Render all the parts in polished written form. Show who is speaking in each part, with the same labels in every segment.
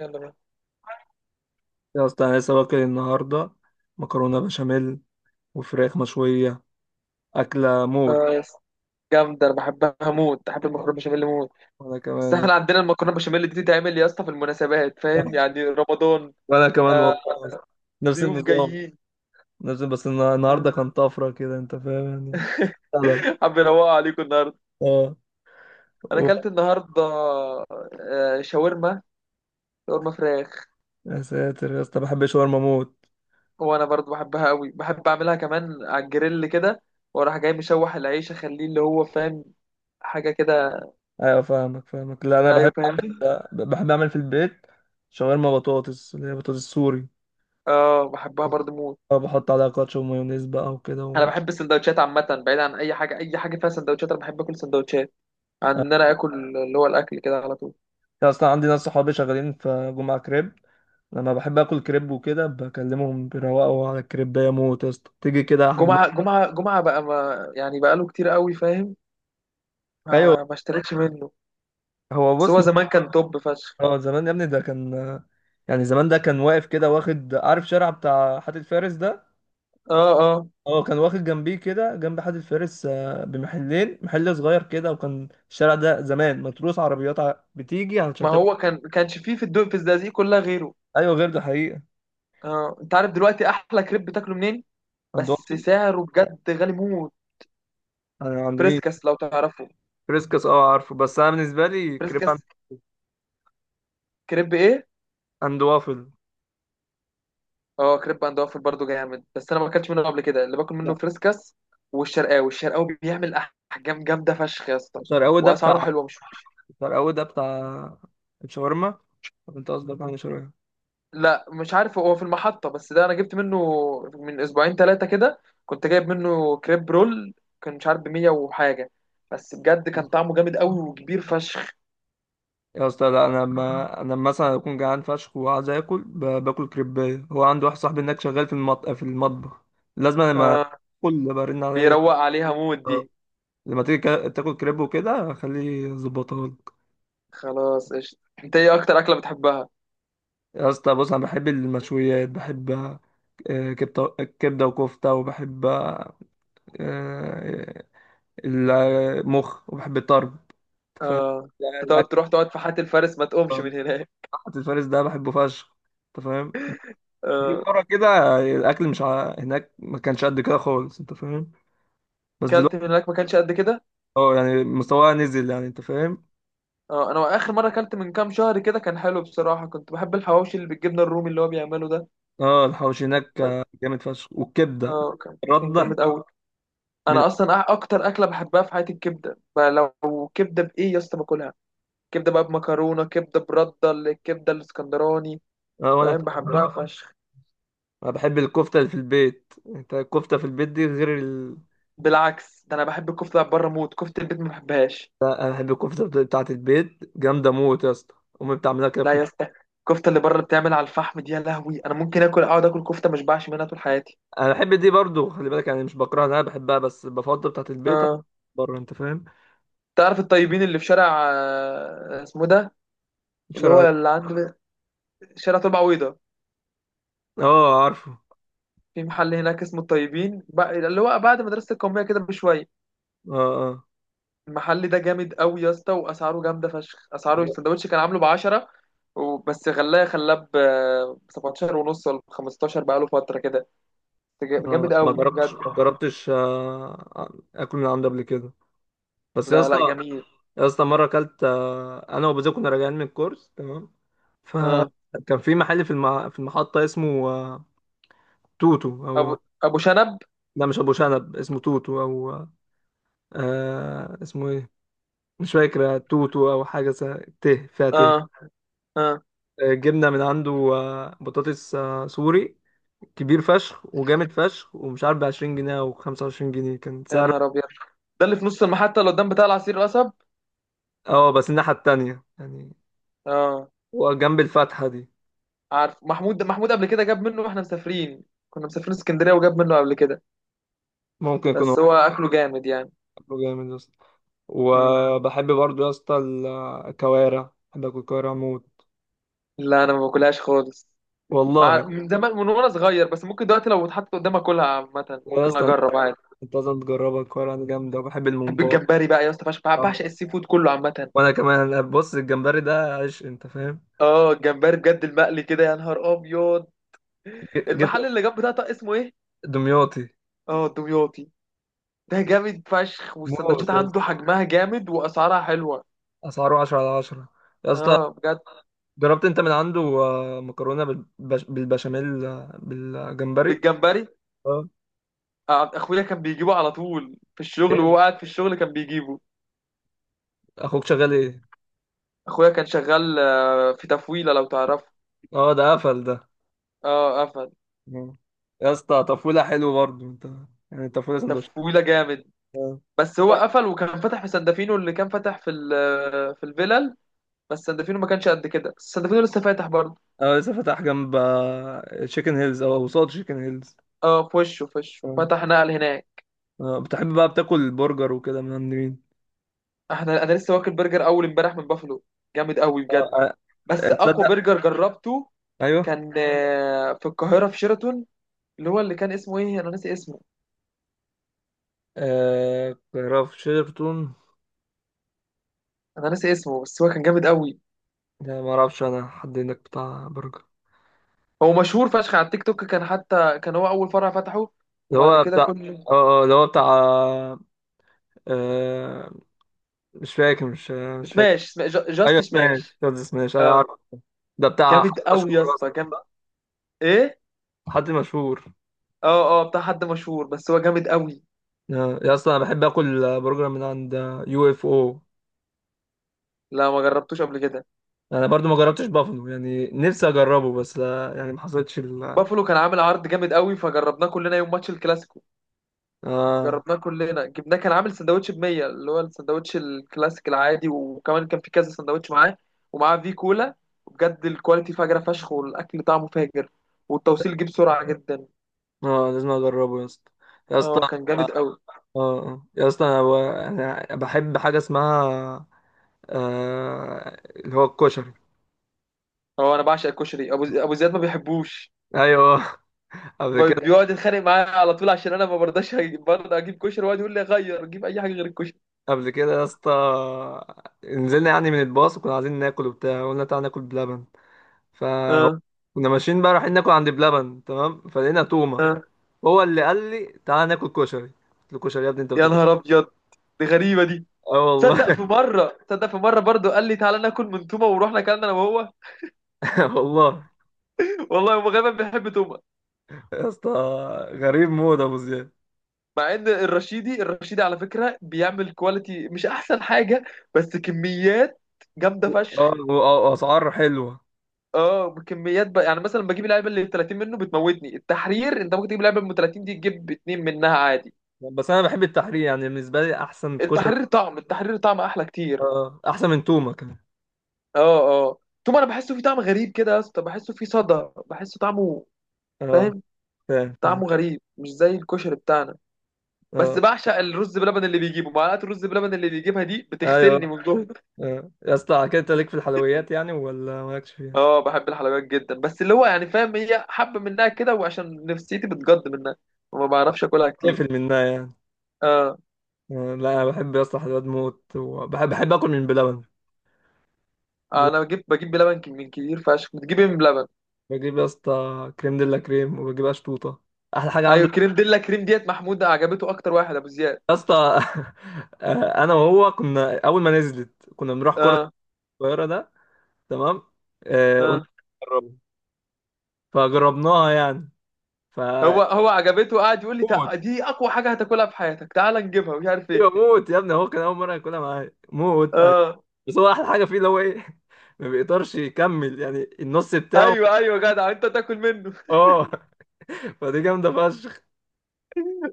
Speaker 1: يلا بقى.
Speaker 2: يا اسطى انا لسه واكل النهارده مكرونه بشاميل وفراخ مشويه اكله
Speaker 1: اه
Speaker 2: موت.
Speaker 1: يا اسطى، جامدة، أنا بحبها موت، بحب المكرونة بشاميل موت.
Speaker 2: وانا
Speaker 1: بس
Speaker 2: كمان.
Speaker 1: احنا عندنا المكرونة بشاميل دي تتعمل يا اسطى في المناسبات، فاهم، يعني رمضان.
Speaker 2: وانا كمان
Speaker 1: آه.
Speaker 2: والله، نفس
Speaker 1: ضيوف
Speaker 2: النظام.
Speaker 1: جايين.
Speaker 2: نفس بس النهارده
Speaker 1: آه.
Speaker 2: كان طفره كده، انت فاهم يعني. فعلا.
Speaker 1: حابب أروق عليكم النهاردة.
Speaker 2: اه
Speaker 1: أنا
Speaker 2: و-
Speaker 1: أكلت النهاردة شاورما. شاورما فراخ.
Speaker 2: يا ساتر يا اسطى، بحب الشاورما موت.
Speaker 1: وأنا برضو بحبها قوي، بحب أعملها كمان على الجريل كده، وأروح جاي مشوح العيش أخليه اللي هو فاهم، حاجة كده.
Speaker 2: ايوه فاهمك، لا انا
Speaker 1: أيوه،
Speaker 2: بحب
Speaker 1: فاهمني.
Speaker 2: اعمل، بحب اعمل في البيت شاورما بطاطس، اللي هي بطاطس سوري.
Speaker 1: اه، بحبها برضو موت.
Speaker 2: اه، بحط عليها كاتشب ومايونيز بقى وكده
Speaker 1: أنا بحب السندوتشات عامة، بعيد عن أي حاجة، أي حاجة فيها سندوتشات أنا بحب أكل سندوتشات، عن
Speaker 2: اه.
Speaker 1: ان انا اكل اللي هو الاكل كده على طول.
Speaker 2: اصلا عندي ناس صحابي شغالين في جمعة كريب، لما بحب اكل كريب وكده بكلمهم بيروقوا على الكريب يا موت يا اسطى تيجي كده
Speaker 1: جمعه
Speaker 2: حجمها.
Speaker 1: جمعه جمعه بقى ما يعني بقى له كتير قوي، فاهم.
Speaker 2: ايوه.
Speaker 1: ما اشتريتش منه.
Speaker 2: هو
Speaker 1: بس
Speaker 2: بص،
Speaker 1: هو زمان كان توب فشخ.
Speaker 2: اه زمان يا ابني ده كان، يعني زمان ده كان واقف كده، واخد عارف شارع بتاع حاتي الفارس ده.
Speaker 1: اه، اه.
Speaker 2: اه، كان واخد جنبيه كده جنب حاتي الفارس بمحلين، محل صغير كده، وكان الشارع ده زمان متروس عربيات بتيجي علشان
Speaker 1: ما
Speaker 2: تاكل.
Speaker 1: هو كانش فيه، في الزقازيق كلها غيره.
Speaker 2: ايوه غير ده حقيقه.
Speaker 1: اه، انت عارف دلوقتي احلى كريب بتاكله منين؟
Speaker 2: عند
Speaker 1: بس
Speaker 2: وافل.
Speaker 1: سعره بجد غالي موت.
Speaker 2: انا عند مين؟
Speaker 1: بريسكس لو تعرفه.
Speaker 2: فريسكس اه عارفه، بس انا بالنسبه لي كريب عند
Speaker 1: بريسكس. كريب ايه.
Speaker 2: عند وافل.
Speaker 1: اه، كريب عند وافل برضه جامد، بس انا ما اكلتش منه قبل كده، اللي باكل منه
Speaker 2: لا.
Speaker 1: فريسكس. والشرقاوي بيعمل احجام جامده فشخ يا اسطى،
Speaker 2: شارع اول ده
Speaker 1: واسعاره
Speaker 2: بتاع،
Speaker 1: حلوه مش.
Speaker 2: فرقة ده بتاع الشاورما. طب انت قصدك عن الشاورما؟
Speaker 1: لا، مش عارف، هو في المحطة. بس ده أنا جبت منه من أسبوعين ثلاثة كده، كنت جايب منه كريب رول، كان مش عارف بمية وحاجة. بس بجد كان طعمه جامد قوي وكبير فشخ.
Speaker 2: يا اسطى لا، انا لما مثلا اكون جعان فشخ وعايز اكل باكل كريبايه هو عنده واحد صاحبي هناك شغال في المطبخ، لازم لما
Speaker 1: آه.
Speaker 2: كل برن عليا.
Speaker 1: بيروق عليها مود
Speaker 2: آه،
Speaker 1: دي.
Speaker 2: لما تيجي تاكل كريب وكده خليه يظبطها لك.
Speaker 1: خلاص، قشطة. أنت إيه أكتر أكلة بتحبها؟
Speaker 2: يا اسطى بص، انا بحب المشويات، بحب كبده، وكفته، وبحب آه، المخ، وبحب الطرب، أنت فاهم
Speaker 1: آه. أنت تقعد
Speaker 2: الاكل.
Speaker 1: تروح تقعد في حاتي الفارس ما تقومش من هناك.
Speaker 2: حتى الفارس ده بحبه فشخ، انت فاهم. جيب
Speaker 1: آه.
Speaker 2: مرة كده، الأكل مش ع... هناك ما كانش قد كده خالص، أنت فاهم. بس
Speaker 1: أكلت
Speaker 2: دلوقتي
Speaker 1: من هناك ما كانش قد كده.
Speaker 2: أه يعني مستواها نزل يعني، أنت فاهم.
Speaker 1: آه، أنا آخر مرة أكلت من كام شهر كده كان حلو بصراحة، كنت بحب الحواوشي اللي بالجبنة الرومي اللي هو بيعمله ده.
Speaker 2: أه الحواوشي هناك جامد فشخ، والكبدة
Speaker 1: اه، كان
Speaker 2: الردة
Speaker 1: جامد قوي.
Speaker 2: من
Speaker 1: انا اصلا اكتر اكله بحبها في حياتي الكبده بقى، لو كبده بايه يا اسطى باكلها، كبده بقى بمكرونه، كبده برده الكبده الاسكندراني،
Speaker 2: أه. وأنا
Speaker 1: فاهم،
Speaker 2: كمان
Speaker 1: بحبها
Speaker 2: برضه.
Speaker 1: آه، فشخ.
Speaker 2: أنا بحب الكفتة اللي في البيت، أنت الكفتة في البيت دي غير
Speaker 1: بالعكس، ده انا بحب الكفته اللي بره موت، كفته البيت ما بحبهاش.
Speaker 2: لا، أنا بحب الكفتة بتاعة البيت جامدة موت يا اسطى، أمي بتعملها كده
Speaker 1: لا
Speaker 2: في
Speaker 1: يا
Speaker 2: البيت.
Speaker 1: اسطى، الكفته اللي بره بتعمل على الفحم دي يا لهوي، انا ممكن اكل اقعد اكل كفته ما اشبعش منها طول حياتي.
Speaker 2: أنا بحب دي برضو، خلي بالك يعني، مش بكرهها، أنا بحبها بس بفضل بتاعة البيت عن
Speaker 1: اه،
Speaker 2: بره، أنت فاهم.
Speaker 1: تعرف الطيبين اللي في شارع، اسمه ده، اللي هو
Speaker 2: الشرعية.
Speaker 1: اللي عند شارع طلبة عويضة؟
Speaker 2: أه عارفه.
Speaker 1: في محل هناك اسمه الطيبين اللي هو بعد مدرسة القومية كده بشوية.
Speaker 2: أه.
Speaker 1: المحل ده جامد قوي يا اسطى، واسعاره جامده فشخ، اسعاره
Speaker 2: أه.
Speaker 1: السندوتش كان عامله ب 10، وبس غلاه خلاه ب 17 ونص ولا ب 15 بقاله فتره كده. جامد
Speaker 2: ما
Speaker 1: قوي بجد.
Speaker 2: جربتش ما جربتش اكل من عنده قبل كده. بس يا
Speaker 1: لا
Speaker 2: اسطى،
Speaker 1: لا، جميل.
Speaker 2: يا اسطى مره اكلت، انا وبزوك كنا راجعين من الكورس تمام،
Speaker 1: اه،
Speaker 2: فكان في محل في المحطه اسمه توتو
Speaker 1: ابو
Speaker 2: او.
Speaker 1: ابو شنب.
Speaker 2: لا مش ابو شنب، اسمه توتو او. اسمه ايه؟ مش فاكر، توتو او حاجه ت فيها ت.
Speaker 1: اه، اه،
Speaker 2: جبنا من عنده بطاطس سوري، كبير فشخ وجامد فشخ، ومش عارف ب 20 جنيه او 25 جنيه كان
Speaker 1: يا
Speaker 2: سعر.
Speaker 1: نهار ابيض، ده اللي في نص المحطه اللي قدام بتاع العصير القصب.
Speaker 2: اه بس الناحيه التانيه يعني،
Speaker 1: اه،
Speaker 2: وجنب الفتحة دي.
Speaker 1: عارف، محمود قبل كده جاب منه واحنا مسافرين، كنا مسافرين اسكندريه وجاب منه قبل كده،
Speaker 2: ممكن يكون
Speaker 1: بس
Speaker 2: هو.
Speaker 1: هو اكله جامد يعني.
Speaker 2: بياكله جامد يا اسطى.
Speaker 1: مم.
Speaker 2: وبحب برضو يا اسطى الكوارع، بحب اكل كوارع موت.
Speaker 1: لا، انا ما باكلهاش خالص،
Speaker 2: والله
Speaker 1: من زمان، من وانا صغير، بس ممكن دلوقتي لو اتحط قدامي اكلها عامة
Speaker 2: يا
Speaker 1: ممكن
Speaker 2: اسطى انت،
Speaker 1: اجرب عادي.
Speaker 2: أنت لازم تجربها الكوارع دي جامدة، وبحب
Speaker 1: بحب
Speaker 2: الممبار.
Speaker 1: الجمبري بقى يا اسطى فشخ، بعشق السي فود كله عامة.
Speaker 2: وانا كمان. بص الجمبري ده عيش، انت فاهم.
Speaker 1: اه، الجمبري بجد المقلي كده، يا نهار ابيض.
Speaker 2: جبت
Speaker 1: المحل اللي جنب ده طق اسمه ايه؟
Speaker 2: دمياطي
Speaker 1: اه، دمياطي. ده جامد فشخ، والسندوتشات
Speaker 2: موت يا اسطى،
Speaker 1: عنده حجمها جامد واسعارها حلوة.
Speaker 2: اسعاره 10 على 10 يا اسطى.
Speaker 1: اه، بجد.
Speaker 2: جربت انت من عنده مكرونة بالبشاميل بالجمبري؟
Speaker 1: بالجمبري.
Speaker 2: اه
Speaker 1: اخويا كان بيجيبه على طول في الشغل،
Speaker 2: جامد.
Speaker 1: وهو قاعد في الشغل كان بيجيبه.
Speaker 2: اخوك شغال ايه؟
Speaker 1: اخويا كان شغال في تفويلة، لو تعرفه.
Speaker 2: اه ده قفل ده.
Speaker 1: اه، قفل.
Speaker 2: مم. يا اسطى طفولة حلو برضه انت، يعني طفولة سندوتش.
Speaker 1: تفويلة جامد.
Speaker 2: اه.
Speaker 1: بس هو قفل، وكان فتح في سندفينو اللي كان فتح في في الفيلل. بس سندفينو ما كانش قد كده، بس سندفينو لسه فاتح برضه.
Speaker 2: اه لسه فاتح جنب تشيكن هيلز، او قصاد تشيكن هيلز.
Speaker 1: اه، في وشه
Speaker 2: اه.
Speaker 1: فتح، نقل هناك.
Speaker 2: اه بتحب بقى بتاكل برجر وكده من عند مين؟
Speaker 1: انا لسه واكل برجر اول امبارح من بافلو، جامد قوي بجد.
Speaker 2: اه.
Speaker 1: بس
Speaker 2: اه،
Speaker 1: اقوى
Speaker 2: تصدق.
Speaker 1: برجر جربته
Speaker 2: ايوه.
Speaker 1: كان في القاهره، في شيراتون، اللي هو اللي كان اسمه ايه، انا ناسي اسمه.
Speaker 2: اه كرافت شيرتون.
Speaker 1: انا ناسي اسمه، بس هو كان جامد قوي.
Speaker 2: لا ما اعرفش انا حد هناك بتاع برجر.
Speaker 1: هو مشهور فشخ على التيك توك، كان حتى كان هو اول فرع فتحه،
Speaker 2: اللي
Speaker 1: وبعد
Speaker 2: هو
Speaker 1: كده
Speaker 2: بتاع
Speaker 1: كل
Speaker 2: اه. اه، اللي هو بتاع اه. مش فاكر، مش فاكر. ايوه
Speaker 1: جاست
Speaker 2: سماش،
Speaker 1: سماش.
Speaker 2: قصدي سماش ايوه
Speaker 1: اه،
Speaker 2: عارف. ده بتاع حد
Speaker 1: جامد قوي يا
Speaker 2: مشهور
Speaker 1: اسطى،
Speaker 2: اصلا؟
Speaker 1: جامد. ايه.
Speaker 2: حد مشهور.
Speaker 1: اه، اه، بتاع حد مشهور، بس هو جامد قوي.
Speaker 2: يا اصلا انا بحب اكل برجر من عند يو اف او.
Speaker 1: لا، ما جربتوش قبل كده.
Speaker 2: انا برضو ما جربتش بافلو، يعني نفسي اجربه بس يعني ما حصلتش ال.
Speaker 1: بافلو كان عامل عرض جامد قوي، فجربناه كلنا يوم ماتش الكلاسيكو.
Speaker 2: اه.
Speaker 1: جربناه كلنا، جبناه، كان عامل سندوتش ب 100، اللي هو السندوتش الكلاسيك العادي، وكمان كان في كذا سندوتش معاه، ومعاه في كولا. بجد الكواليتي فجرة فشخ، والاكل طعمه فاجر، والتوصيل جه بسرعة جدا.
Speaker 2: اه لازم اجربه يا اسطى، يا اسطى.
Speaker 1: اه، كان جامد قوي.
Speaker 2: اه آه. يا اسطى أنا بحب حاجه اسمها اللي هو الكشري.
Speaker 1: اه، انا بعشق الكشري، ابو زياد ما بيحبوش،
Speaker 2: ايوه. قبل كده.
Speaker 1: بيقعد يتخانق معايا على طول، عشان انا ما برضاش برضه اجيب كشري، ويقعد يقول لي غير جيب اي حاجه غير الكشري.
Speaker 2: قبل كده يا اسطى نزلنا يعني من الباص وكنا عايزين ناكل وبتاع، قلنا تعالى ناكل بلبن. فهو،
Speaker 1: اه،
Speaker 2: كنا ماشيين بقى رايحين ناكل عند بلبن، تمام، فلقينا تومه.
Speaker 1: اه،
Speaker 2: هو اللي قال لي تعالى ناكل كشري، قلت له كشري يا ابني انت
Speaker 1: يا
Speaker 2: بتاكل.
Speaker 1: نهار ابيض، دي غريبه دي.
Speaker 2: اه
Speaker 1: تصدق
Speaker 2: والله.
Speaker 1: في مره تصدق في مره برضو قال لي تعالى ناكل من تومه، ورحنا اكلنا انا وهو.
Speaker 2: والله
Speaker 1: والله هو غالبا بيحب تومه.
Speaker 2: يا اسطى، غريب موت ابو زياد.
Speaker 1: مع ان الرشيدي على فكره بيعمل كواليتي مش احسن حاجه، بس كميات جامده فشخ.
Speaker 2: اه. واسعار حلوه.
Speaker 1: اه، كميات بقى، يعني مثلا بجيب اللعيبه اللي 30 منه بتموتني، التحرير انت ممكن تجيب لعيبه من 30 دي تجيب اتنين منها عادي.
Speaker 2: بس انا بحب التحرير يعني، بالنسبه لي احسن كشري.
Speaker 1: التحرير طعم احلى كتير.
Speaker 2: احسن من تومه كمان.
Speaker 1: اه، اه، تومه انا بحسه فيه طعم غريب كده يا اسطى، بحسه فيه صدى، بحسه طعمه،
Speaker 2: اه.
Speaker 1: فاهم،
Speaker 2: فاهم
Speaker 1: طعمه غريب، مش زي الكشري بتاعنا. بس
Speaker 2: اه.
Speaker 1: بعشق الرز بلبن اللي بيجيبه، معلقه الرز بلبن اللي بيجيبها دي
Speaker 2: ايوه.
Speaker 1: بتغسلني من جوه.
Speaker 2: آه. يا اسطى على كده انت ليك في الحلويات يعني ولا مالكش فيها؟
Speaker 1: اه، بحب الحلويات جدا، بس اللي هو يعني، فاهم، هي حبه منها كده، وعشان نفسيتي بتجد منها وما بعرفش اكلها كتير.
Speaker 2: اقفل منها يعني.
Speaker 1: اه،
Speaker 2: آه. لا انا بحب يا اسطى حلويات موت، وبحب، اكل من بلبن. بلبن.
Speaker 1: انا بجيب بلبن من كتير فشخ بتجيب إيه من بلبن.
Speaker 2: بجيب يا اسطى كريم ديلا كريم، وبجيب اشطوطه، احلى حاجه.
Speaker 1: ايوه، كريم ديلا كريم ديت، محمود عجبته اكتر واحد، ابو زياد.
Speaker 2: يا اسطى انا وهو كنا اول ما نزلت كنا بنروح كرة
Speaker 1: اه،
Speaker 2: القاهرة ده، تمام. قلنا
Speaker 1: اه.
Speaker 2: نجربها. فجربناها يعني، ف
Speaker 1: هو عجبته، قاعد يقول لي،
Speaker 2: موت.
Speaker 1: دي اقوى حاجه هتاكلها في حياتك، تعال نجيبها، مش عارف ايه".
Speaker 2: ايوه موت يا ابني، هو كان اول مرة ياكلها معايا موت.
Speaker 1: اه،
Speaker 2: بس هو احلى حاجة فيه اللي هو ايه ما بيقدرش يكمل يعني النص بتاعه.
Speaker 1: ايوه ايوه، جدع انت تاكل منه.
Speaker 2: اه، فدي جامدة فشخ.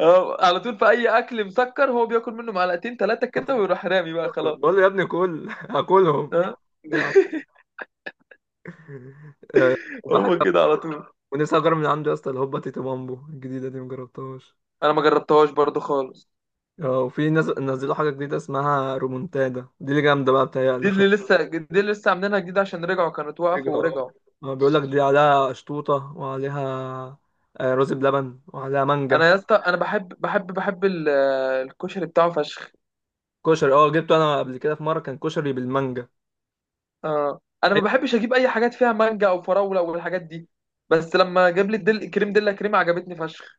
Speaker 1: اه. على طول، في اي اكل مسكر هو بياكل منه معلقتين ثلاثه كده ويروح رامي بقى، خلاص.
Speaker 2: بقول له يا ابني كل هاكلهم
Speaker 1: اه
Speaker 2: يعني. وبحب،
Speaker 1: هو كده على طول
Speaker 2: ونفسي اجرب من عنده يا اسطى الهوبا تيتو مامبو الجديدة دي، مجربتهاش.
Speaker 1: انا ما جربتهاش برضو خالص.
Speaker 2: اه، وفي ناس نزلوا حاجة جديدة اسمها رومونتادا، دي اللي جامدة بقى
Speaker 1: دي
Speaker 2: بتهيألي شكلها.
Speaker 1: اللي لسه دي اللي لسه عاملينها جديد عشان رجعوا، كانت وقفوا
Speaker 2: اه.
Speaker 1: ورجعوا.
Speaker 2: اه، بيقولك دي عليها شطوطة، وعليها رز بلبن، وعليها مانجا.
Speaker 1: انا يا اسطى، انا بحب الكشري بتاعه فشخ.
Speaker 2: كشري اه، جبته انا قبل كده في مرة كان كشري بالمانجا.
Speaker 1: اه، انا ما بحبش اجيب اي حاجات فيها مانجا او فراوله والحاجات دي، بس لما جاب لي كريم دلة كريم عجبتني فشخ.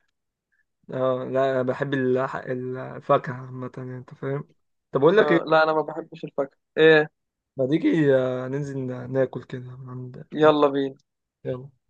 Speaker 2: اه لا بحب الفاكهة عامة يعني، انت فاهم. طب اقول لك
Speaker 1: اه،
Speaker 2: ايه،
Speaker 1: لا، انا ما بحبش الفاكهه ايه.
Speaker 2: ما تيجي ننزل ناكل كده من عند.
Speaker 1: يلا بينا.
Speaker 2: يلا.